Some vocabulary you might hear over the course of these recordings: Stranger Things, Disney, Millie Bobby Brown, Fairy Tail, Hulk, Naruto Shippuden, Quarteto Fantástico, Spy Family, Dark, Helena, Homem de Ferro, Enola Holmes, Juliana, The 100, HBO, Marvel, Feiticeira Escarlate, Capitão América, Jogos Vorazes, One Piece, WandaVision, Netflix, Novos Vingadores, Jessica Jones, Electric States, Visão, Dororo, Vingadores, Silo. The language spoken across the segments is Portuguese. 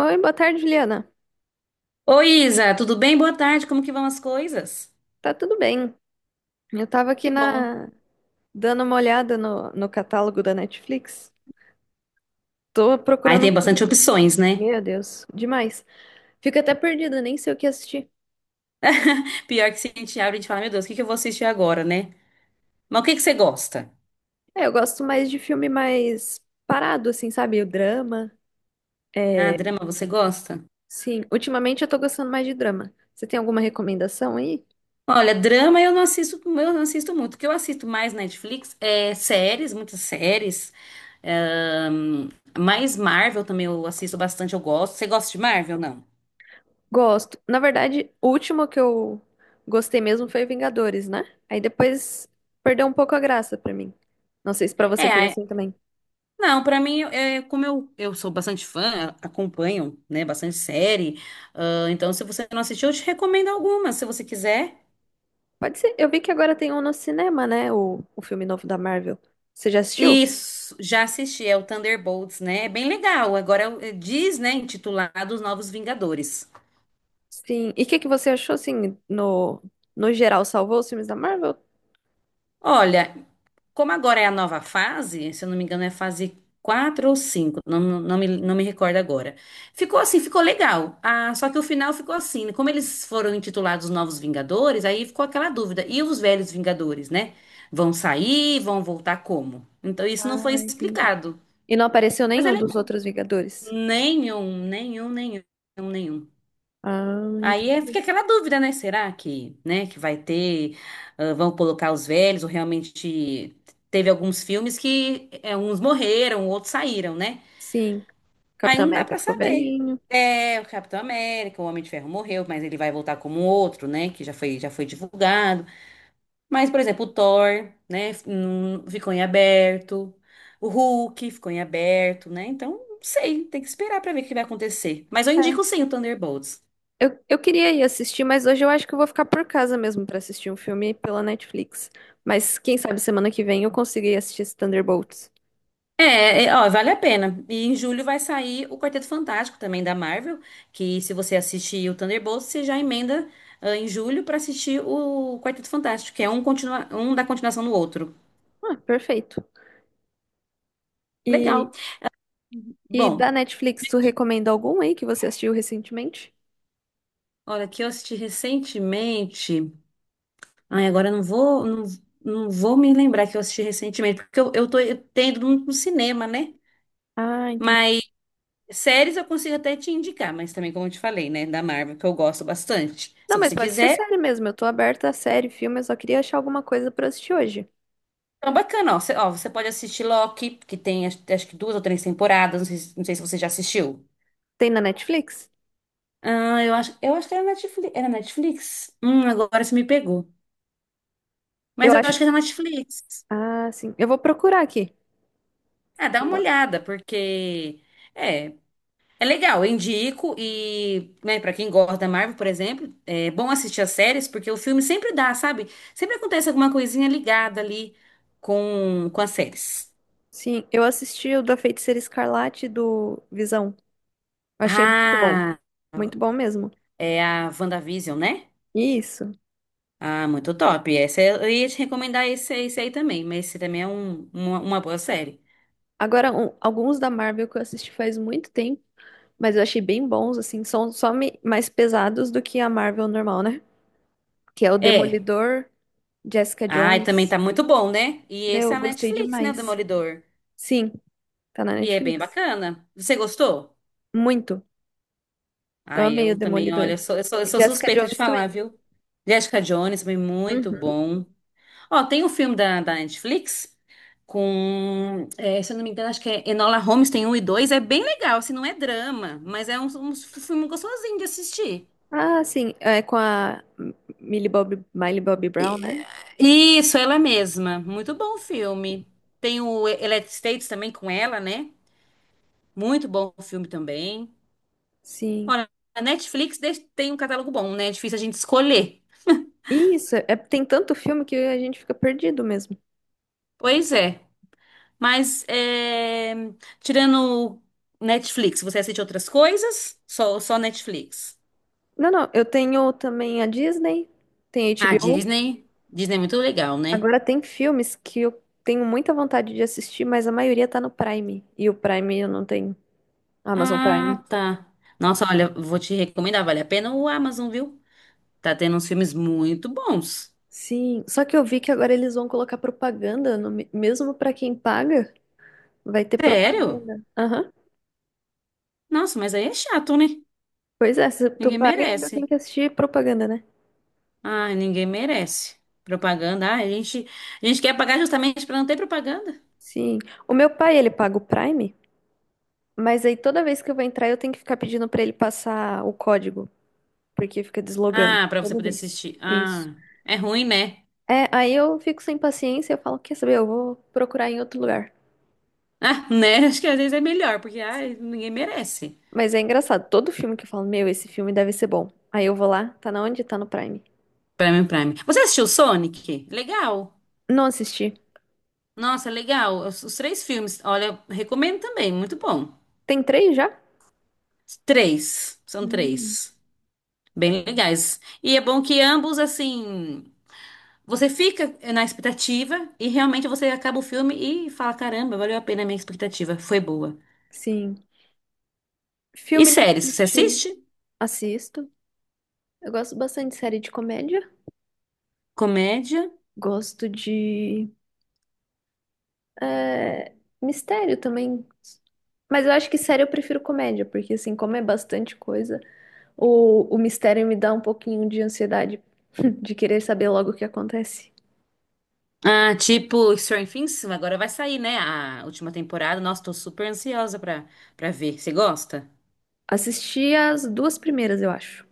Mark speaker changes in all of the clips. Speaker 1: Oi, boa tarde, Juliana.
Speaker 2: Oi, Isa, tudo bem? Boa tarde, como que vão as coisas?
Speaker 1: Tá tudo bem? Eu tava aqui
Speaker 2: Que bom.
Speaker 1: na dando uma olhada no catálogo da Netflix. Tô
Speaker 2: Aí
Speaker 1: procurando
Speaker 2: tem
Speaker 1: um
Speaker 2: bastante opções, né?
Speaker 1: meu Deus, demais. Fico até perdida, nem sei o que assistir.
Speaker 2: Pior que se a gente abre, e a gente fala, meu Deus, o que que eu vou assistir agora, né? Mas o que que você gosta?
Speaker 1: É, eu gosto mais de filme mais parado, assim, sabe? O drama.
Speaker 2: Ah,
Speaker 1: É,
Speaker 2: drama você gosta?
Speaker 1: sim, ultimamente eu tô gostando mais de drama. Você tem alguma recomendação aí?
Speaker 2: Olha, drama eu não assisto muito. O que eu assisto mais na Netflix é séries, muitas séries. Ahn, mais Marvel também eu assisto bastante, eu gosto. Você gosta de Marvel, não?
Speaker 1: Gosto. Na verdade, o último que eu gostei mesmo foi Vingadores, né? Aí depois perdeu um pouco a graça pra mim. Não sei se pra você foi
Speaker 2: É,
Speaker 1: assim também.
Speaker 2: Não, pra mim, como eu sou bastante fã, acompanho, né, bastante série, então se você não assistiu, eu te recomendo algumas, se você quiser.
Speaker 1: Pode ser. Eu vi que agora tem um no cinema, né? O filme novo da Marvel. Você já assistiu?
Speaker 2: Isso, já assisti, é o Thunderbolts, né? É bem legal. Agora é diz, né, intitulado Os Novos Vingadores.
Speaker 1: Sim. E o que que você achou, assim, no geral? Salvou os filmes da Marvel?
Speaker 2: Olha, como agora é a nova fase, se eu não me engano, é fase 4 ou 5, não me recordo agora. Ficou legal. Ah, só que o final ficou assim, né? Como eles foram intitulados Novos Vingadores, aí ficou aquela dúvida. E os velhos Vingadores, né? Vão sair, vão voltar como? Então isso não
Speaker 1: Ah,
Speaker 2: foi
Speaker 1: entendi.
Speaker 2: explicado.
Speaker 1: E não apareceu
Speaker 2: Mas é
Speaker 1: nenhum dos
Speaker 2: legal.
Speaker 1: outros Vingadores?
Speaker 2: Nenhum, nenhum, nenhum, nenhum.
Speaker 1: Ah, entendi.
Speaker 2: Fica aquela dúvida, né? Será que, né, que vai ter, ah, vão colocar os velhos, ou realmente teve alguns filmes que uns morreram, outros saíram, né?
Speaker 1: Sim.
Speaker 2: Aí
Speaker 1: Capitão
Speaker 2: não dá
Speaker 1: América
Speaker 2: pra
Speaker 1: ficou
Speaker 2: saber.
Speaker 1: velhinho.
Speaker 2: É, o Capitão América, o Homem de Ferro morreu, mas ele vai voltar como outro, né? Já foi divulgado. Mas, por exemplo, o Thor, né? Ficou em aberto. O Hulk ficou em aberto, né? Então, não sei, tem que esperar pra ver o que vai acontecer. Mas eu indico
Speaker 1: É.
Speaker 2: sim o Thunderbolts.
Speaker 1: Eu queria ir assistir, mas hoje eu acho que eu vou ficar por casa mesmo pra assistir um filme pela Netflix. Mas quem sabe semana que vem eu consegui assistir esse Thunderbolts.
Speaker 2: Ó, vale a pena. E em julho vai sair o Quarteto Fantástico também da Marvel, que se você assistir o Thunderbolts, você já emenda em julho pra assistir o Quarteto Fantástico, continua um da continuação do outro.
Speaker 1: Ah, perfeito. E
Speaker 2: Legal.
Speaker 1: e
Speaker 2: Bom,
Speaker 1: da Netflix, tu recomenda algum aí que você assistiu recentemente?
Speaker 2: olha, que eu assisti recentemente. Ai, agora eu não vou, não vou me lembrar que eu assisti recentemente, porque eu tô, eu tenho ido no cinema, né?
Speaker 1: Ah, entendi.
Speaker 2: Mas séries eu consigo até te indicar, mas também, como eu te falei, né, da Marvel, que eu gosto bastante. Se
Speaker 1: Não, mas
Speaker 2: você
Speaker 1: pode ser
Speaker 2: quiser.
Speaker 1: série mesmo. Eu tô aberta a série, filme, eu só queria achar alguma coisa pra assistir hoje.
Speaker 2: Então, bacana, ó. Você pode assistir Loki, que tem acho, acho que duas ou três temporadas. Não sei, não sei se você já assistiu.
Speaker 1: Tem na Netflix?
Speaker 2: Eu acho que era Netflix. Era Netflix? Agora você me pegou.
Speaker 1: Eu
Speaker 2: Mas eu
Speaker 1: acho.
Speaker 2: acho que era Netflix.
Speaker 1: Ah, sim. Eu vou procurar aqui.
Speaker 2: Ah, dá uma olhada, porque é, é legal, eu indico. E, né, para quem gosta da Marvel, por exemplo, é bom assistir as séries, porque o filme sempre dá, sabe? Sempre acontece alguma coisinha ligada ali com as séries.
Speaker 1: Sim, eu assisti o da Feiticeira Escarlate do Visão. Achei muito bom.
Speaker 2: Ah,
Speaker 1: Muito bom mesmo.
Speaker 2: é a WandaVision, né?
Speaker 1: Isso.
Speaker 2: Ah, muito top. Essa eu ia te recomendar esse aí também, mas esse também é uma boa série.
Speaker 1: Agora, alguns da Marvel que eu assisti faz muito tempo, mas eu achei bem bons, assim. São só mais pesados do que a Marvel normal, né? Que é o
Speaker 2: É.
Speaker 1: Demolidor, Jessica
Speaker 2: Ah, e também
Speaker 1: Jones.
Speaker 2: tá muito bom, né? E esse
Speaker 1: Meu,
Speaker 2: é a
Speaker 1: gostei
Speaker 2: Netflix, né? O
Speaker 1: demais.
Speaker 2: Demolidor.
Speaker 1: Sim, tá na
Speaker 2: E é bem
Speaker 1: Netflix.
Speaker 2: bacana. Você gostou?
Speaker 1: Muito.
Speaker 2: Ah,
Speaker 1: Amei o
Speaker 2: eu também, olha,
Speaker 1: Demolidor.
Speaker 2: eu
Speaker 1: E
Speaker 2: sou
Speaker 1: Jessica
Speaker 2: suspeita de
Speaker 1: Jones
Speaker 2: falar,
Speaker 1: também.
Speaker 2: viu? Jessica Jones, também muito
Speaker 1: Uhum.
Speaker 2: bom. Ó, tem um filme da Netflix é, se eu não me engano, acho que é Enola Holmes, tem um e dois. É bem legal, assim, não é drama, mas é um filme gostosinho de assistir.
Speaker 1: Ah, sim. É com a Millie Bobby Brown, né?
Speaker 2: Isso, ela mesma. Muito bom filme. Tem o Electric States também com ela, né? Muito bom filme também.
Speaker 1: Sim.
Speaker 2: Olha, tem um catálogo bom, né? É difícil a gente escolher.
Speaker 1: Isso, é, tem tanto filme que a gente fica perdido mesmo.
Speaker 2: Pois é. Mas, tirando Netflix, você assiste outras coisas? Só Netflix.
Speaker 1: Não, não, eu tenho também a Disney, tem
Speaker 2: Ah,
Speaker 1: HBO.
Speaker 2: Disney. Disney é muito legal, né?
Speaker 1: Agora tem filmes que eu tenho muita vontade de assistir, mas a maioria tá no Prime. E o Prime eu não tenho. Amazon Prime.
Speaker 2: Ah, tá. Nossa, olha, vou te recomendar, vale a pena o Amazon, viu? Tá tendo uns filmes muito bons.
Speaker 1: Sim, só que eu vi que agora eles vão colocar propaganda no me- mesmo para quem paga, vai ter
Speaker 2: Sério?
Speaker 1: propaganda. Aham.
Speaker 2: Nossa, mas aí é chato, né?
Speaker 1: Pois é, se tu
Speaker 2: Ninguém
Speaker 1: paga ainda tem
Speaker 2: merece.
Speaker 1: que assistir propaganda, né?
Speaker 2: Ai, ninguém merece. Propaganda. A gente quer pagar justamente pra não ter propaganda.
Speaker 1: Sim. O meu pai, ele paga o Prime, mas aí toda vez que eu vou entrar eu tenho que ficar pedindo para ele passar o código, porque fica deslogando
Speaker 2: Ah, pra você
Speaker 1: toda
Speaker 2: poder
Speaker 1: vez.
Speaker 2: assistir.
Speaker 1: Isso.
Speaker 2: Ah, é ruim, né?
Speaker 1: É, aí eu fico sem paciência, eu falo, quer saber, eu vou procurar em outro lugar.
Speaker 2: Ah, né? Acho que às vezes é melhor, porque
Speaker 1: Sim.
Speaker 2: ai, ninguém merece.
Speaker 1: Mas é engraçado, todo filme que eu falo, meu, esse filme deve ser bom. Aí eu vou lá, tá na onde? Tá no Prime.
Speaker 2: Prime, Prime. Você assistiu Sonic? Legal.
Speaker 1: Não assisti.
Speaker 2: Nossa, legal. Os três filmes. Olha, recomendo também. Muito bom.
Speaker 1: Tem três já?
Speaker 2: Três. São
Speaker 1: Hum,
Speaker 2: três. Bem legais. E é bom que ambos, assim. Você fica na expectativa e realmente você acaba o filme e fala: caramba, valeu a pena a minha expectativa, foi boa.
Speaker 1: sim.
Speaker 2: E
Speaker 1: Filme
Speaker 2: séries,
Speaker 1: nesse
Speaker 2: você
Speaker 1: estilo.
Speaker 2: assiste?
Speaker 1: Assisto. Eu gosto bastante de série de comédia.
Speaker 2: Comédia?
Speaker 1: Gosto de é, mistério também. Mas eu acho que série eu prefiro comédia, porque assim, como é bastante coisa, o mistério me dá um pouquinho de ansiedade de querer saber logo o que acontece.
Speaker 2: Ah, tipo Stranger Things, agora vai sair, né? A última temporada. Nossa, tô super ansiosa pra ver. Você gosta?
Speaker 1: Assisti as duas primeiras, eu acho.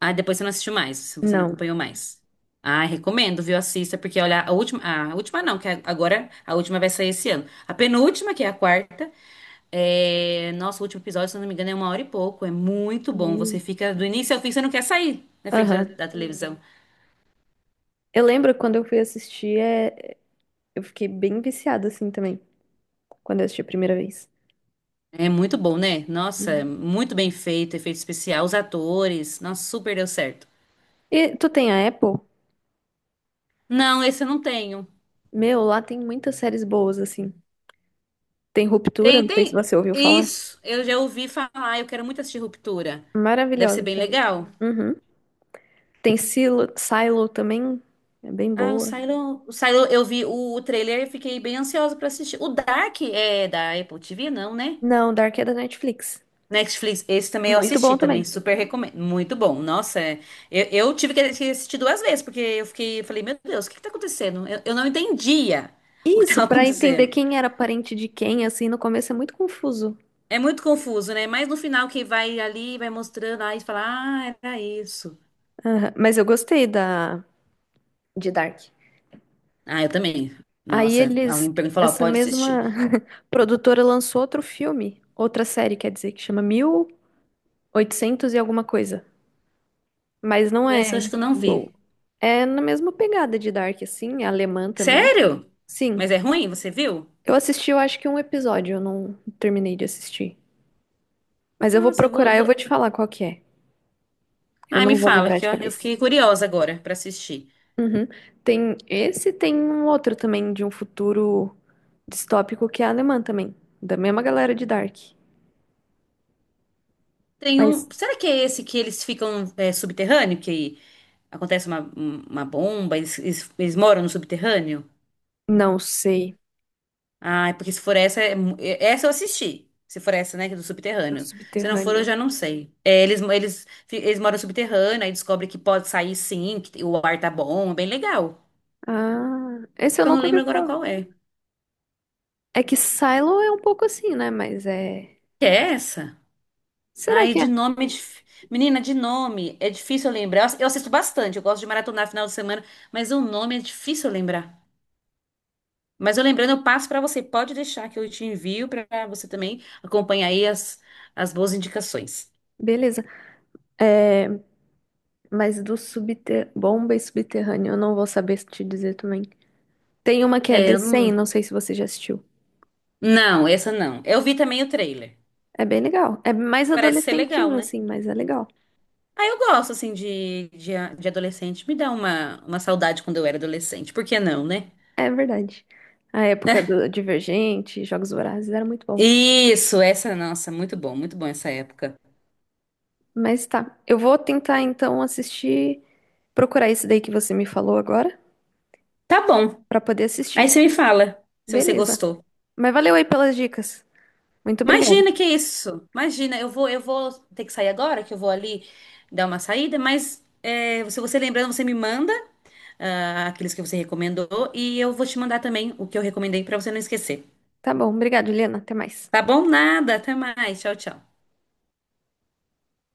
Speaker 2: Ah, depois você não assistiu mais, você não
Speaker 1: Não.
Speaker 2: acompanhou mais. Ah, recomendo, viu? Assista, porque olha, a última não, que é agora a última vai sair esse ano. A penúltima, que é a quarta, é, nosso último episódio, se eu não me engano, é uma hora e pouco. É muito bom. Você
Speaker 1: Meio.
Speaker 2: fica do início ao fim, você não quer sair na frente
Speaker 1: Aham.
Speaker 2: da televisão.
Speaker 1: Eu lembro quando eu fui assistir, eu fiquei bem viciada assim também, quando eu assisti a primeira vez.
Speaker 2: É muito bom, né? Nossa, muito bem feito, efeito especial, os atores. Nossa, super deu certo.
Speaker 1: E tu tem a Apple?
Speaker 2: Não, esse eu não tenho.
Speaker 1: Meu, lá tem muitas séries boas, assim. Tem Ruptura,
Speaker 2: Tem,
Speaker 1: não sei se
Speaker 2: tem.
Speaker 1: você ouviu falar.
Speaker 2: Isso, eu já ouvi falar. Eu quero muito assistir Ruptura. Deve
Speaker 1: Maravilhosa
Speaker 2: ser
Speaker 1: a
Speaker 2: bem
Speaker 1: série.
Speaker 2: legal.
Speaker 1: Uhum. Tem Silo também, é bem
Speaker 2: Ah,
Speaker 1: boa.
Speaker 2: O Silo, eu vi o trailer e fiquei bem ansiosa pra assistir. O Dark é da Apple TV, não, né?
Speaker 1: Não, Dark é da Netflix.
Speaker 2: Netflix, esse também eu
Speaker 1: Muito bom
Speaker 2: assisti,
Speaker 1: também.
Speaker 2: também super recomendo. Muito bom. Nossa, eu tive que assistir duas vezes, porque eu fiquei, eu falei, meu Deus, o que que tá acontecendo? Eu não entendia o que
Speaker 1: Isso,
Speaker 2: tava
Speaker 1: pra entender
Speaker 2: acontecendo.
Speaker 1: quem era parente de quem, assim, no começo é muito confuso.
Speaker 2: É muito confuso, né? Mas no final que vai ali, vai mostrando, aí fala, ah, era isso.
Speaker 1: Aham, mas eu gostei da de Dark.
Speaker 2: Ah, eu também.
Speaker 1: Aí
Speaker 2: Nossa,
Speaker 1: eles,
Speaker 2: alguém pegou e falou, ó,
Speaker 1: essa
Speaker 2: pode assistir.
Speaker 1: mesma produtora lançou outro filme, outra série, quer dizer, que chama Mil e Oitocentos e alguma coisa. Mas não
Speaker 2: Essa eu acho
Speaker 1: é
Speaker 2: que eu não
Speaker 1: boa.
Speaker 2: vi.
Speaker 1: É na mesma pegada de Dark, assim, alemã também.
Speaker 2: Sério?
Speaker 1: Sim,
Speaker 2: Mas é ruim? Você viu?
Speaker 1: eu assisti, eu acho que um episódio, eu não terminei de assistir. Mas eu vou
Speaker 2: Eu
Speaker 1: procurar, eu vou
Speaker 2: vou...
Speaker 1: te falar qual que é. Eu
Speaker 2: Ai, me
Speaker 1: não vou
Speaker 2: fala,
Speaker 1: lembrar
Speaker 2: que
Speaker 1: de
Speaker 2: ó, eu
Speaker 1: cabeça.
Speaker 2: fiquei curiosa agora pra assistir.
Speaker 1: Uhum. Tem esse, tem um outro também de um futuro distópico que é alemã também, da mesma galera de Dark.
Speaker 2: Tem
Speaker 1: Mas
Speaker 2: um. Será que é esse que eles ficam é, subterrâneo? Que acontece uma bomba, eles moram no subterrâneo?
Speaker 1: não sei,
Speaker 2: Ah, é porque se for essa, essa eu assisti. Se for essa, né, que é do
Speaker 1: do
Speaker 2: subterrâneo. Se não for, eu
Speaker 1: subterrâneo.
Speaker 2: já não sei. É, eles moram no subterrâneo, aí descobre que pode sair sim, que o ar tá bom, é bem legal.
Speaker 1: Ah, esse eu
Speaker 2: Só não
Speaker 1: nunca ouvi
Speaker 2: lembro agora
Speaker 1: falar.
Speaker 2: qual é.
Speaker 1: É que Silo é um pouco assim, né? Mas é.
Speaker 2: Que é essa?
Speaker 1: Será
Speaker 2: Ai,
Speaker 1: que é?
Speaker 2: de nome. Menina, de nome. É difícil eu lembrar. Eu assisto bastante, eu gosto de maratonar final de semana, mas o nome é difícil eu lembrar. Mas eu lembrando, eu passo para você. Pode deixar que eu te envio para você também acompanhar aí as boas indicações.
Speaker 1: Beleza. É, mas do subter... bomba e subterrâneo, eu não vou saber te dizer também. Tem uma que é
Speaker 2: É,
Speaker 1: The
Speaker 2: eu
Speaker 1: 100, não
Speaker 2: não...
Speaker 1: sei se você já assistiu.
Speaker 2: não, essa não. Eu vi também o trailer.
Speaker 1: É bem legal. É mais
Speaker 2: Parece ser
Speaker 1: adolescentinho,
Speaker 2: legal, né?
Speaker 1: assim, mas é legal.
Speaker 2: Ah, eu gosto, assim, de adolescente. Me dá uma saudade quando eu era adolescente. Por que não, né?
Speaker 1: É verdade. A época do Divergente, Jogos Vorazes, era muito bom.
Speaker 2: Nossa, muito bom essa época.
Speaker 1: Mas tá, eu vou tentar então assistir, procurar esse daí que você me falou agora,
Speaker 2: Tá bom.
Speaker 1: pra poder
Speaker 2: Aí
Speaker 1: assistir.
Speaker 2: você me fala se você
Speaker 1: Beleza.
Speaker 2: gostou.
Speaker 1: Mas valeu aí pelas dicas. Muito obrigada.
Speaker 2: Imagina que isso. Imagina, eu vou ter que sair agora, que eu vou ali dar uma saída, mas é, se você lembrando, você me manda aqueles que você recomendou e eu vou te mandar também o que eu recomendei pra você não esquecer.
Speaker 1: Tá bom, obrigada, Helena. Até mais.
Speaker 2: Tá bom? Nada, até mais. Tchau, tchau.